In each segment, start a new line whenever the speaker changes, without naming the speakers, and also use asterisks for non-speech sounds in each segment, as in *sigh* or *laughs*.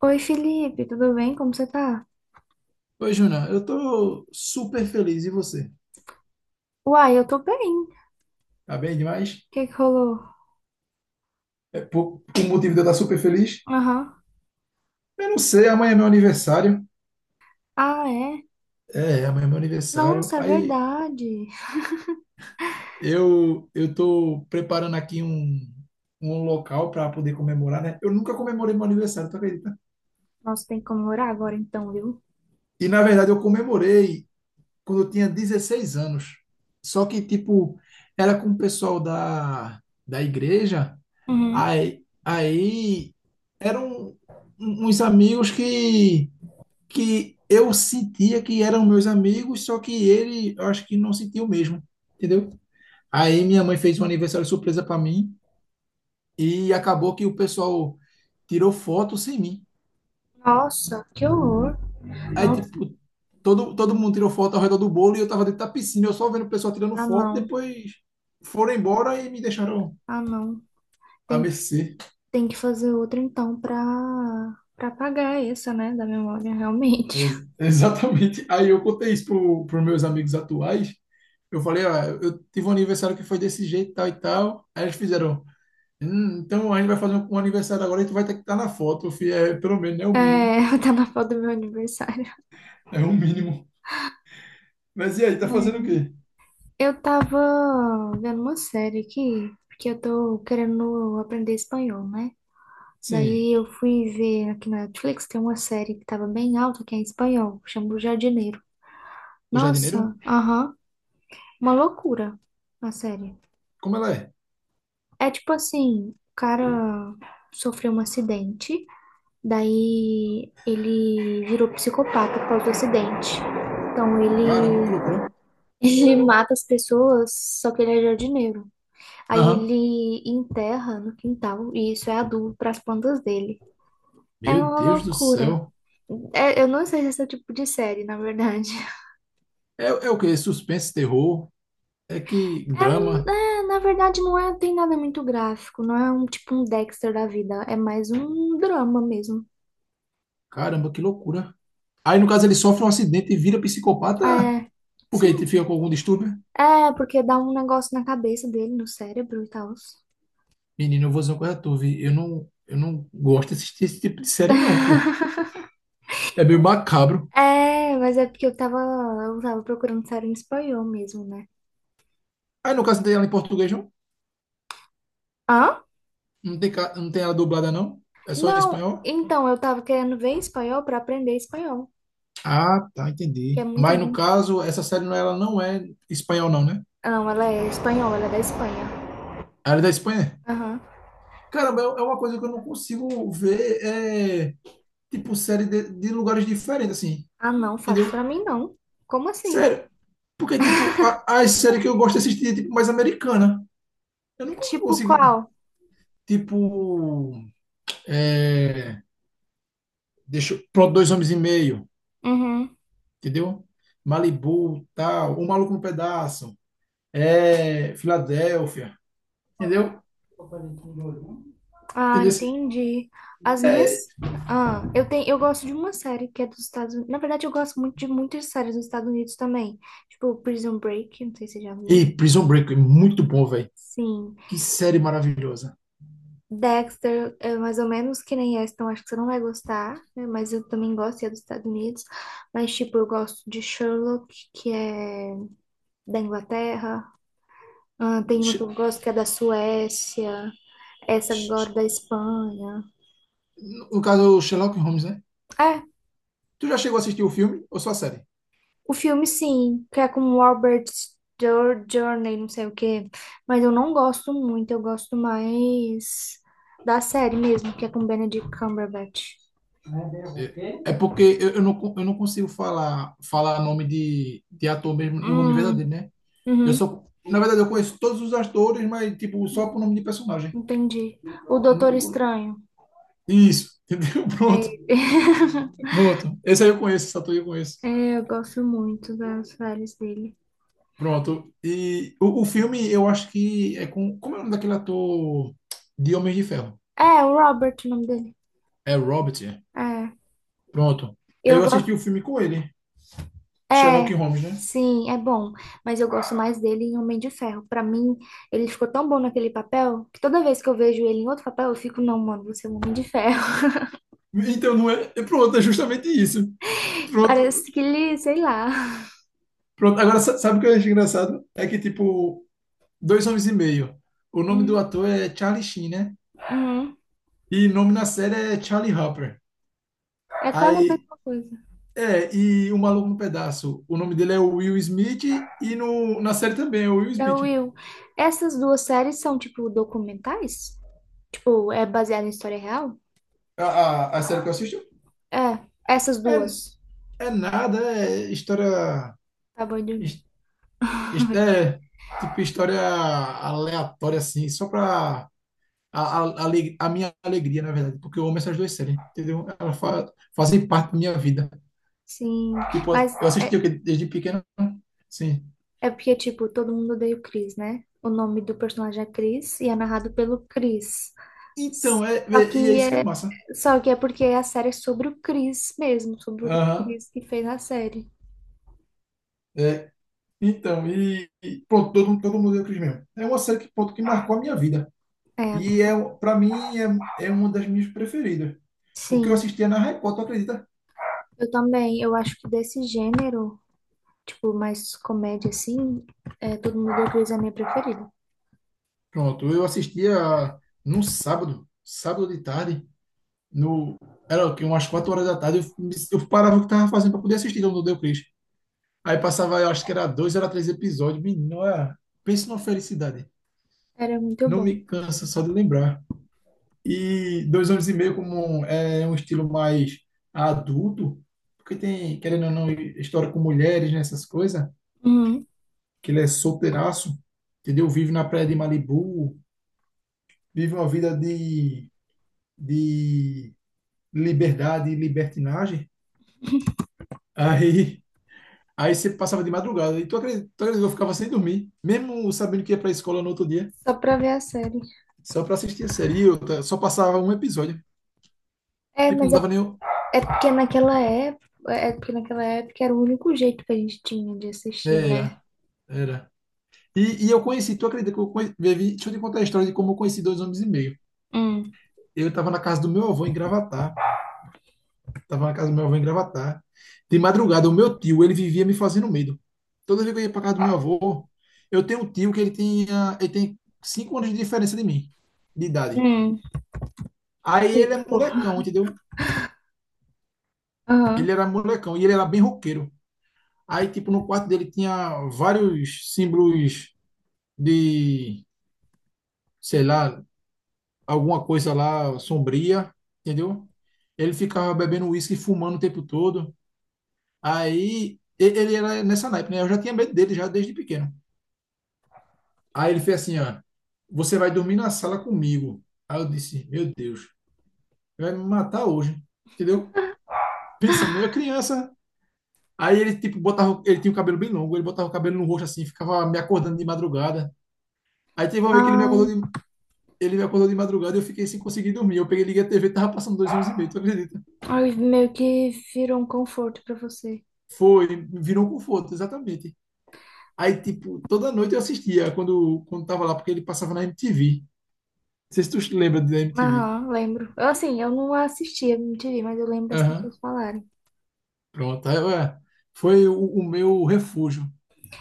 Oi, Felipe, tudo bem? Como você tá?
Oi, Juna, eu tô super feliz. E você?
Uai, eu tô bem. O
Tá bem demais?
que que rolou?
É por motivo de eu estar super feliz?
Aham.
Eu não sei, amanhã é meu aniversário.
Ah, é?
É, amanhã é meu aniversário.
Nossa, é
Aí
verdade.
eu tô preparando aqui um local para poder comemorar, né? Eu nunca comemorei meu aniversário, tu acredita?
Nossa, tem que comemorar agora então, viu?
E na verdade eu comemorei quando eu tinha 16 anos. Só que, tipo, era com o pessoal da igreja,
Uhum.
aí eram uns amigos que eu sentia que eram meus amigos, só que ele, eu acho que não sentiu mesmo, entendeu? Aí minha mãe fez um aniversário surpresa para mim e acabou que o pessoal tirou foto sem mim.
Nossa, que horror.
Aí,
Não,
tipo, todo mundo tirou foto ao redor do bolo e eu tava dentro da piscina, eu só vendo o pessoal tirando
ah,
foto,
não.
depois foram embora e me deixaram
Ah, não.
a
Tem que,
mercê.
tem que fazer outra então pra apagar essa, né, da memória, realmente. *laughs*
*laughs* Exatamente. Aí eu contei isso pros meus amigos atuais. Eu falei, ó, eu tive um aniversário que foi desse jeito, tal e tal. Aí eles fizeram, então a gente vai fazer um aniversário agora e tu vai ter que estar na foto, filho. É, pelo menos, é
É,
o mínimo.
*laughs* tá na foto do meu aniversário.
É o mínimo. Mas e aí, tá
Ai,
fazendo o quê?
eu tava vendo uma série aqui, porque eu tô querendo aprender espanhol, né?
Sim,
Daí eu fui ver aqui na Netflix, tem uma série que tava bem alta, que é em espanhol, chama O Jardineiro.
o
Nossa,
jardineiro?
aham, uma loucura a série.
Como ela é?
É tipo assim, o cara sofreu um acidente, daí ele virou psicopata por causa do acidente. Então
Caramba,
ele,
que loucura.
*laughs* ele mata as pessoas, só que ele é jardineiro. Aí
Aham.
ele enterra no quintal, e isso é adubo para as plantas dele. É
Meu
uma
Deus do
loucura.
céu.
É, eu não sei se esse é o tipo de série, na verdade. *laughs*
É, é o quê? Suspense, terror, é que
É,
drama.
é, na verdade, não é, tem nada muito gráfico. Não é um tipo um Dexter da vida. É mais um drama mesmo.
Caramba, que loucura. Aí, no caso, ele sofre um acidente e vira psicopata
É,
porque ele
sim.
fica com algum distúrbio.
É, porque dá um negócio na cabeça dele, no cérebro e tal.
Menino, eu vou dizer uma coisa a tu, vi. Eu não gosto de assistir esse tipo de série, não, pô.
*laughs*
É meio macabro.
É, mas é porque eu tava procurando série em espanhol mesmo, né?
Aí, no caso, não tem ela em português, não?
Hã?
Não tem, não tem ela dublada, não? É só em
Não,
espanhol?
então, eu tava querendo ver espanhol pra aprender espanhol,
Ah, tá,
que é
entendi.
muito
Mas, no
bom.
caso, essa série, não, é, ela não é espanhol, não, né?
Não, ela é espanhola. Ela é da Espanha.
Ela é da Espanha?
Aham.
Caramba, é é uma coisa que eu não consigo ver. É, tipo, série de lugares diferentes, assim,
Ah, não, fala isso pra
entendeu?
mim não. Como assim?
Sério. Porque, tipo, as séries que eu gosto de assistir é, tipo, mais americana. Eu nunca
Tipo
consigo,
qual?
tipo, é, pronto, dois homens e meio,
Uhum.
entendeu? Malibu, tal, o Maluco no Pedaço, é, Filadélfia, entendeu?
Ah,
Entendeu? esse-
entendi. As
É,
minhas. Ah, eu tenho, eu gosto de uma série que é dos Estados Unidos. Na verdade, eu gosto muito de muitas séries dos Estados Unidos também. Tipo Prison Break, não sei se você já viu.
e Prison Break, é muito bom, velho.
Sim.
Que série maravilhosa.
Dexter, é mais ou menos que nem essa, então acho que você não vai gostar, né? Mas eu também gosto, e é dos Estados Unidos. Mas, tipo, eu gosto de Sherlock, que é da Inglaterra. Ah, tem uma que
Sh-
eu gosto que é da Suécia. Essa
sh-
agora
sh-
da Espanha.
No caso, Sherlock Holmes, né?
É,
Tu já chegou a assistir o filme ou só a série?
o filme sim, que é com o Robert Journey, não sei o quê. Mas eu não gosto muito, eu gosto mais da série mesmo, que é com Benedict Cumberbatch.
É
Quê?
é porque eu não, eu não consigo falar nome de ator mesmo, o nome verdadeiro,
Hum,
né? Eu
uhum,
só, na verdade, eu conheço todos os atores, mas tipo, só por nome de personagem.
entendi. O Doutor
Nunca co-
Estranho.
Isso, *laughs* entendeu?
É, *laughs*
Pronto. Esse aí eu conheço, esse ator eu conheço.
é, eu gosto muito das séries dele.
Pronto. E o filme, eu acho que é com. Como é o nome daquele ator de Homem de Ferro?
É, o Robert, o nome dele.
É Robert. É.
É,
Pronto.
eu
Eu assisti
gosto.
o filme com ele,
É,
Sherlock Holmes, né?
sim, é bom, mas eu gosto mais dele em Homem de Ferro. Pra mim, ele ficou tão bom naquele papel que toda vez que eu vejo ele em outro papel, eu fico, não, mano, você é um Homem de Ferro.
Então não é. É pronto, é justamente isso.
*laughs*
Pronto,
Parece que ele, sei lá.
pronto, agora sabe o que eu acho engraçado? É que, tipo, Dois Homens e Meio. O nome do
Hum,
ator é Charlie Sheen, né?
hum.
E o nome na série é Charlie Harper.
É quase a
Aí,
mesma coisa.
é, e O Maluco no Pedaço. O nome dele é Will Smith e no, na série também é Will
É o
Smith.
Will. Essas duas séries são tipo documentais? Tipo, é baseado em história real?
A série que eu assisto
É, essas
é,
duas.
é nada, é história.
Tá bom de dormir.
his-
*laughs*
É, tipo, história aleatória, assim, só pra. A minha alegria, na verdade, porque eu amo essas duas séries, entendeu? Fazem parte da minha vida.
Sim,
Tipo,
mas
eu assisti o que desde pequeno. Sim.
é porque, tipo, todo mundo odeia o Chris, né? O nome do personagem é Chris e é narrado pelo Chris.
Então, é,
Só
é- e é
que
isso que é
é,
massa.
só que é porque a série é sobre o Chris mesmo, sobre o
Aham.
Chris que fez a série.
É. Então, e pronto, todo mundo deu o Cris mesmo. É uma série que, pronto, que marcou a minha vida.
É, a minha.
E é, para mim é, é uma das minhas preferidas. Porque eu
Sim,
assistia na Record, tu acredita?
eu também. Eu acho que desse gênero, tipo, mais comédia assim, é, Todo Mundo Odeia o Chris é a minha preferida.
Pronto, eu assistia num sábado, sábado de tarde, no, era o quê? Umas 4 horas da tarde, eu parava o que estava fazendo para poder assistir Todo Mundo Deu Cris. Aí passava, eu acho que era dois, era três episódios. Pensa numa felicidade.
Era muito
Não
bom.
me cansa só de lembrar. E dois anos e meio como é um estilo mais adulto, porque tem, querendo ou não, história com mulheres, nessas coisas,
Uhum.
que ele é solteiraço, entendeu? Vive na praia de Malibu, vive uma vida de liberdade e libertinagem. Aí, aí você passava de madrugada, e tu acredita que eu ficava sem dormir, mesmo sabendo que ia pra escola no outro dia,
Só pra ver a série.
só pra assistir a série, e eu só passava um episódio.
É,
Tipo,
mas
não
é,
dava nem.
é porque naquela época era o único jeito que a gente tinha de assistir, né?
Era, era. E eu conheci, tu acredita que eu conheci, Vivi, deixa eu te contar a história de como eu conheci dois homens e meio.
Hum.
Eu estava na casa do meu avô em Gravatar, estava na casa do meu avô em Gravatar. De madrugada, o meu tio, ele vivia me fazendo medo. Toda vez que eu ia para casa do meu avô, eu tenho um tio que ele tem 5 anos de diferença de mim, de idade.
Hum,
Aí ele é
típico.
molecão, entendeu? Ele
Aham.
era molecão e ele era bem roqueiro. Aí, tipo, no quarto dele tinha vários símbolos de, sei lá, alguma coisa lá sombria, entendeu? Ele ficava bebendo uísque e fumando o tempo todo. Ele era nessa naipe, né? Eu já tinha medo dele já desde pequeno. Aí ele fez assim, ó, você vai dormir na sala comigo. Aí eu disse, meu Deus, vai me matar hoje, entendeu? Pensando, né? Eu criança. Aí ele tipo botava, ele tinha o cabelo bem longo, ele botava o cabelo no rosto assim, ficava me acordando de madrugada. Aí teve uma vez que
Ai,
ele me acordou de madrugada e eu fiquei sem conseguir dormir. Eu peguei, liguei a TV, tava passando dois anos e meio, tu acredita?
ai, meio que virou um conforto pra você.
Foi, virou um conforto, exatamente. Aí, tipo, toda noite eu assistia quando tava lá, porque ele passava na MTV. Não sei se tu te lembra da MTV.
Aham, lembro. Eu, assim, eu não assistia MTV, mas eu lembro as
Aham,
pessoas falarem.
pronto. Aí, ué, foi o meu refúgio.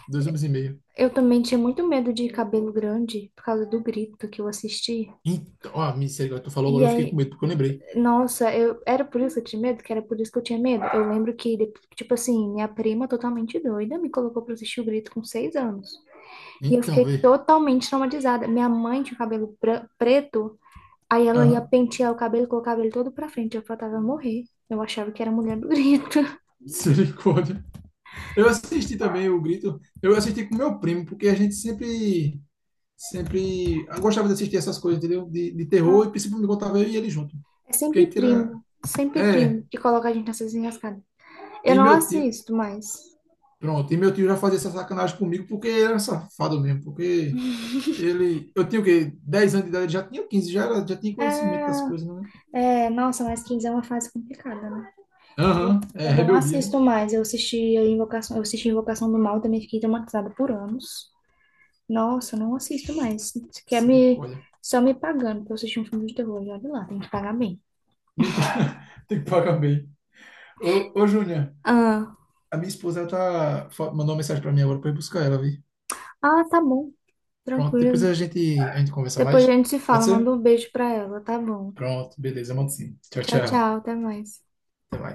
Dois anos e meio.
Eu também tinha muito medo de cabelo grande por causa do grito que eu assisti.
Então, ó, misericórdia, tu falou
E
agora, eu fiquei com
aí,
medo, porque eu lembrei.
nossa, eu era por isso que eu tinha medo, que era por isso que eu tinha medo. Eu lembro que, tipo assim, minha prima totalmente doida me colocou pra assistir o grito com 6 anos. E eu
Então,
fiquei
vê.
totalmente traumatizada. Minha mãe tinha cabelo preto. Aí ela ia
Aham,
pentear o cabelo, colocava ele todo pra frente, eu faltava morrer. Eu achava que era mulher do grito.
*laughs* misericórdia. Eu assisti também o Grito. Eu assisti com meu primo, porque sempre eu gostava de assistir essas coisas, entendeu? De terror, e
*laughs*
principalmente quando tava eu e ele junto.
É
Porque a gente era.
sempre primo
É,
que coloca a gente nessas enrascadas. Eu
e
não
meu tio,
assisto mais.
pronto, e meu tio já fazia essa sacanagem comigo porque ele era safado mesmo, porque ele, eu tinha o quê? 10 anos de idade, ele já tinha 15 já, era, já tinha conhecimento das coisas, né?
É, nossa, mas 15 é uma fase complicada, né? Mas
Aham,
Eu
é
eu não
rebeldia, né?
assisto mais. Eu assisti a Invocação, eu assisti Invocação do Mal, também fiquei traumatizada por anos. Nossa, eu não assisto
Oxi,
mais. Você quer me
misericórdia.
só me pagando pra eu assistir um filme de terror, e olha lá, tem que pagar bem.
Mito, *laughs* tem que pagar bem. Ô, ô Júnior,
Ah,
a minha esposa ela tá, mandou uma mensagem pra mim agora pra eu ir buscar ela, vi?
ah, tá bom,
Pronto, depois
tranquilo.
a gente conversa
Depois a
mais.
gente se
Pode
fala, manda
ser?
um beijo pra ela, tá bom?
Pronto, beleza, mando sim. Tchau,
Tchau,
tchau.
tchau, até mais.
Até mais.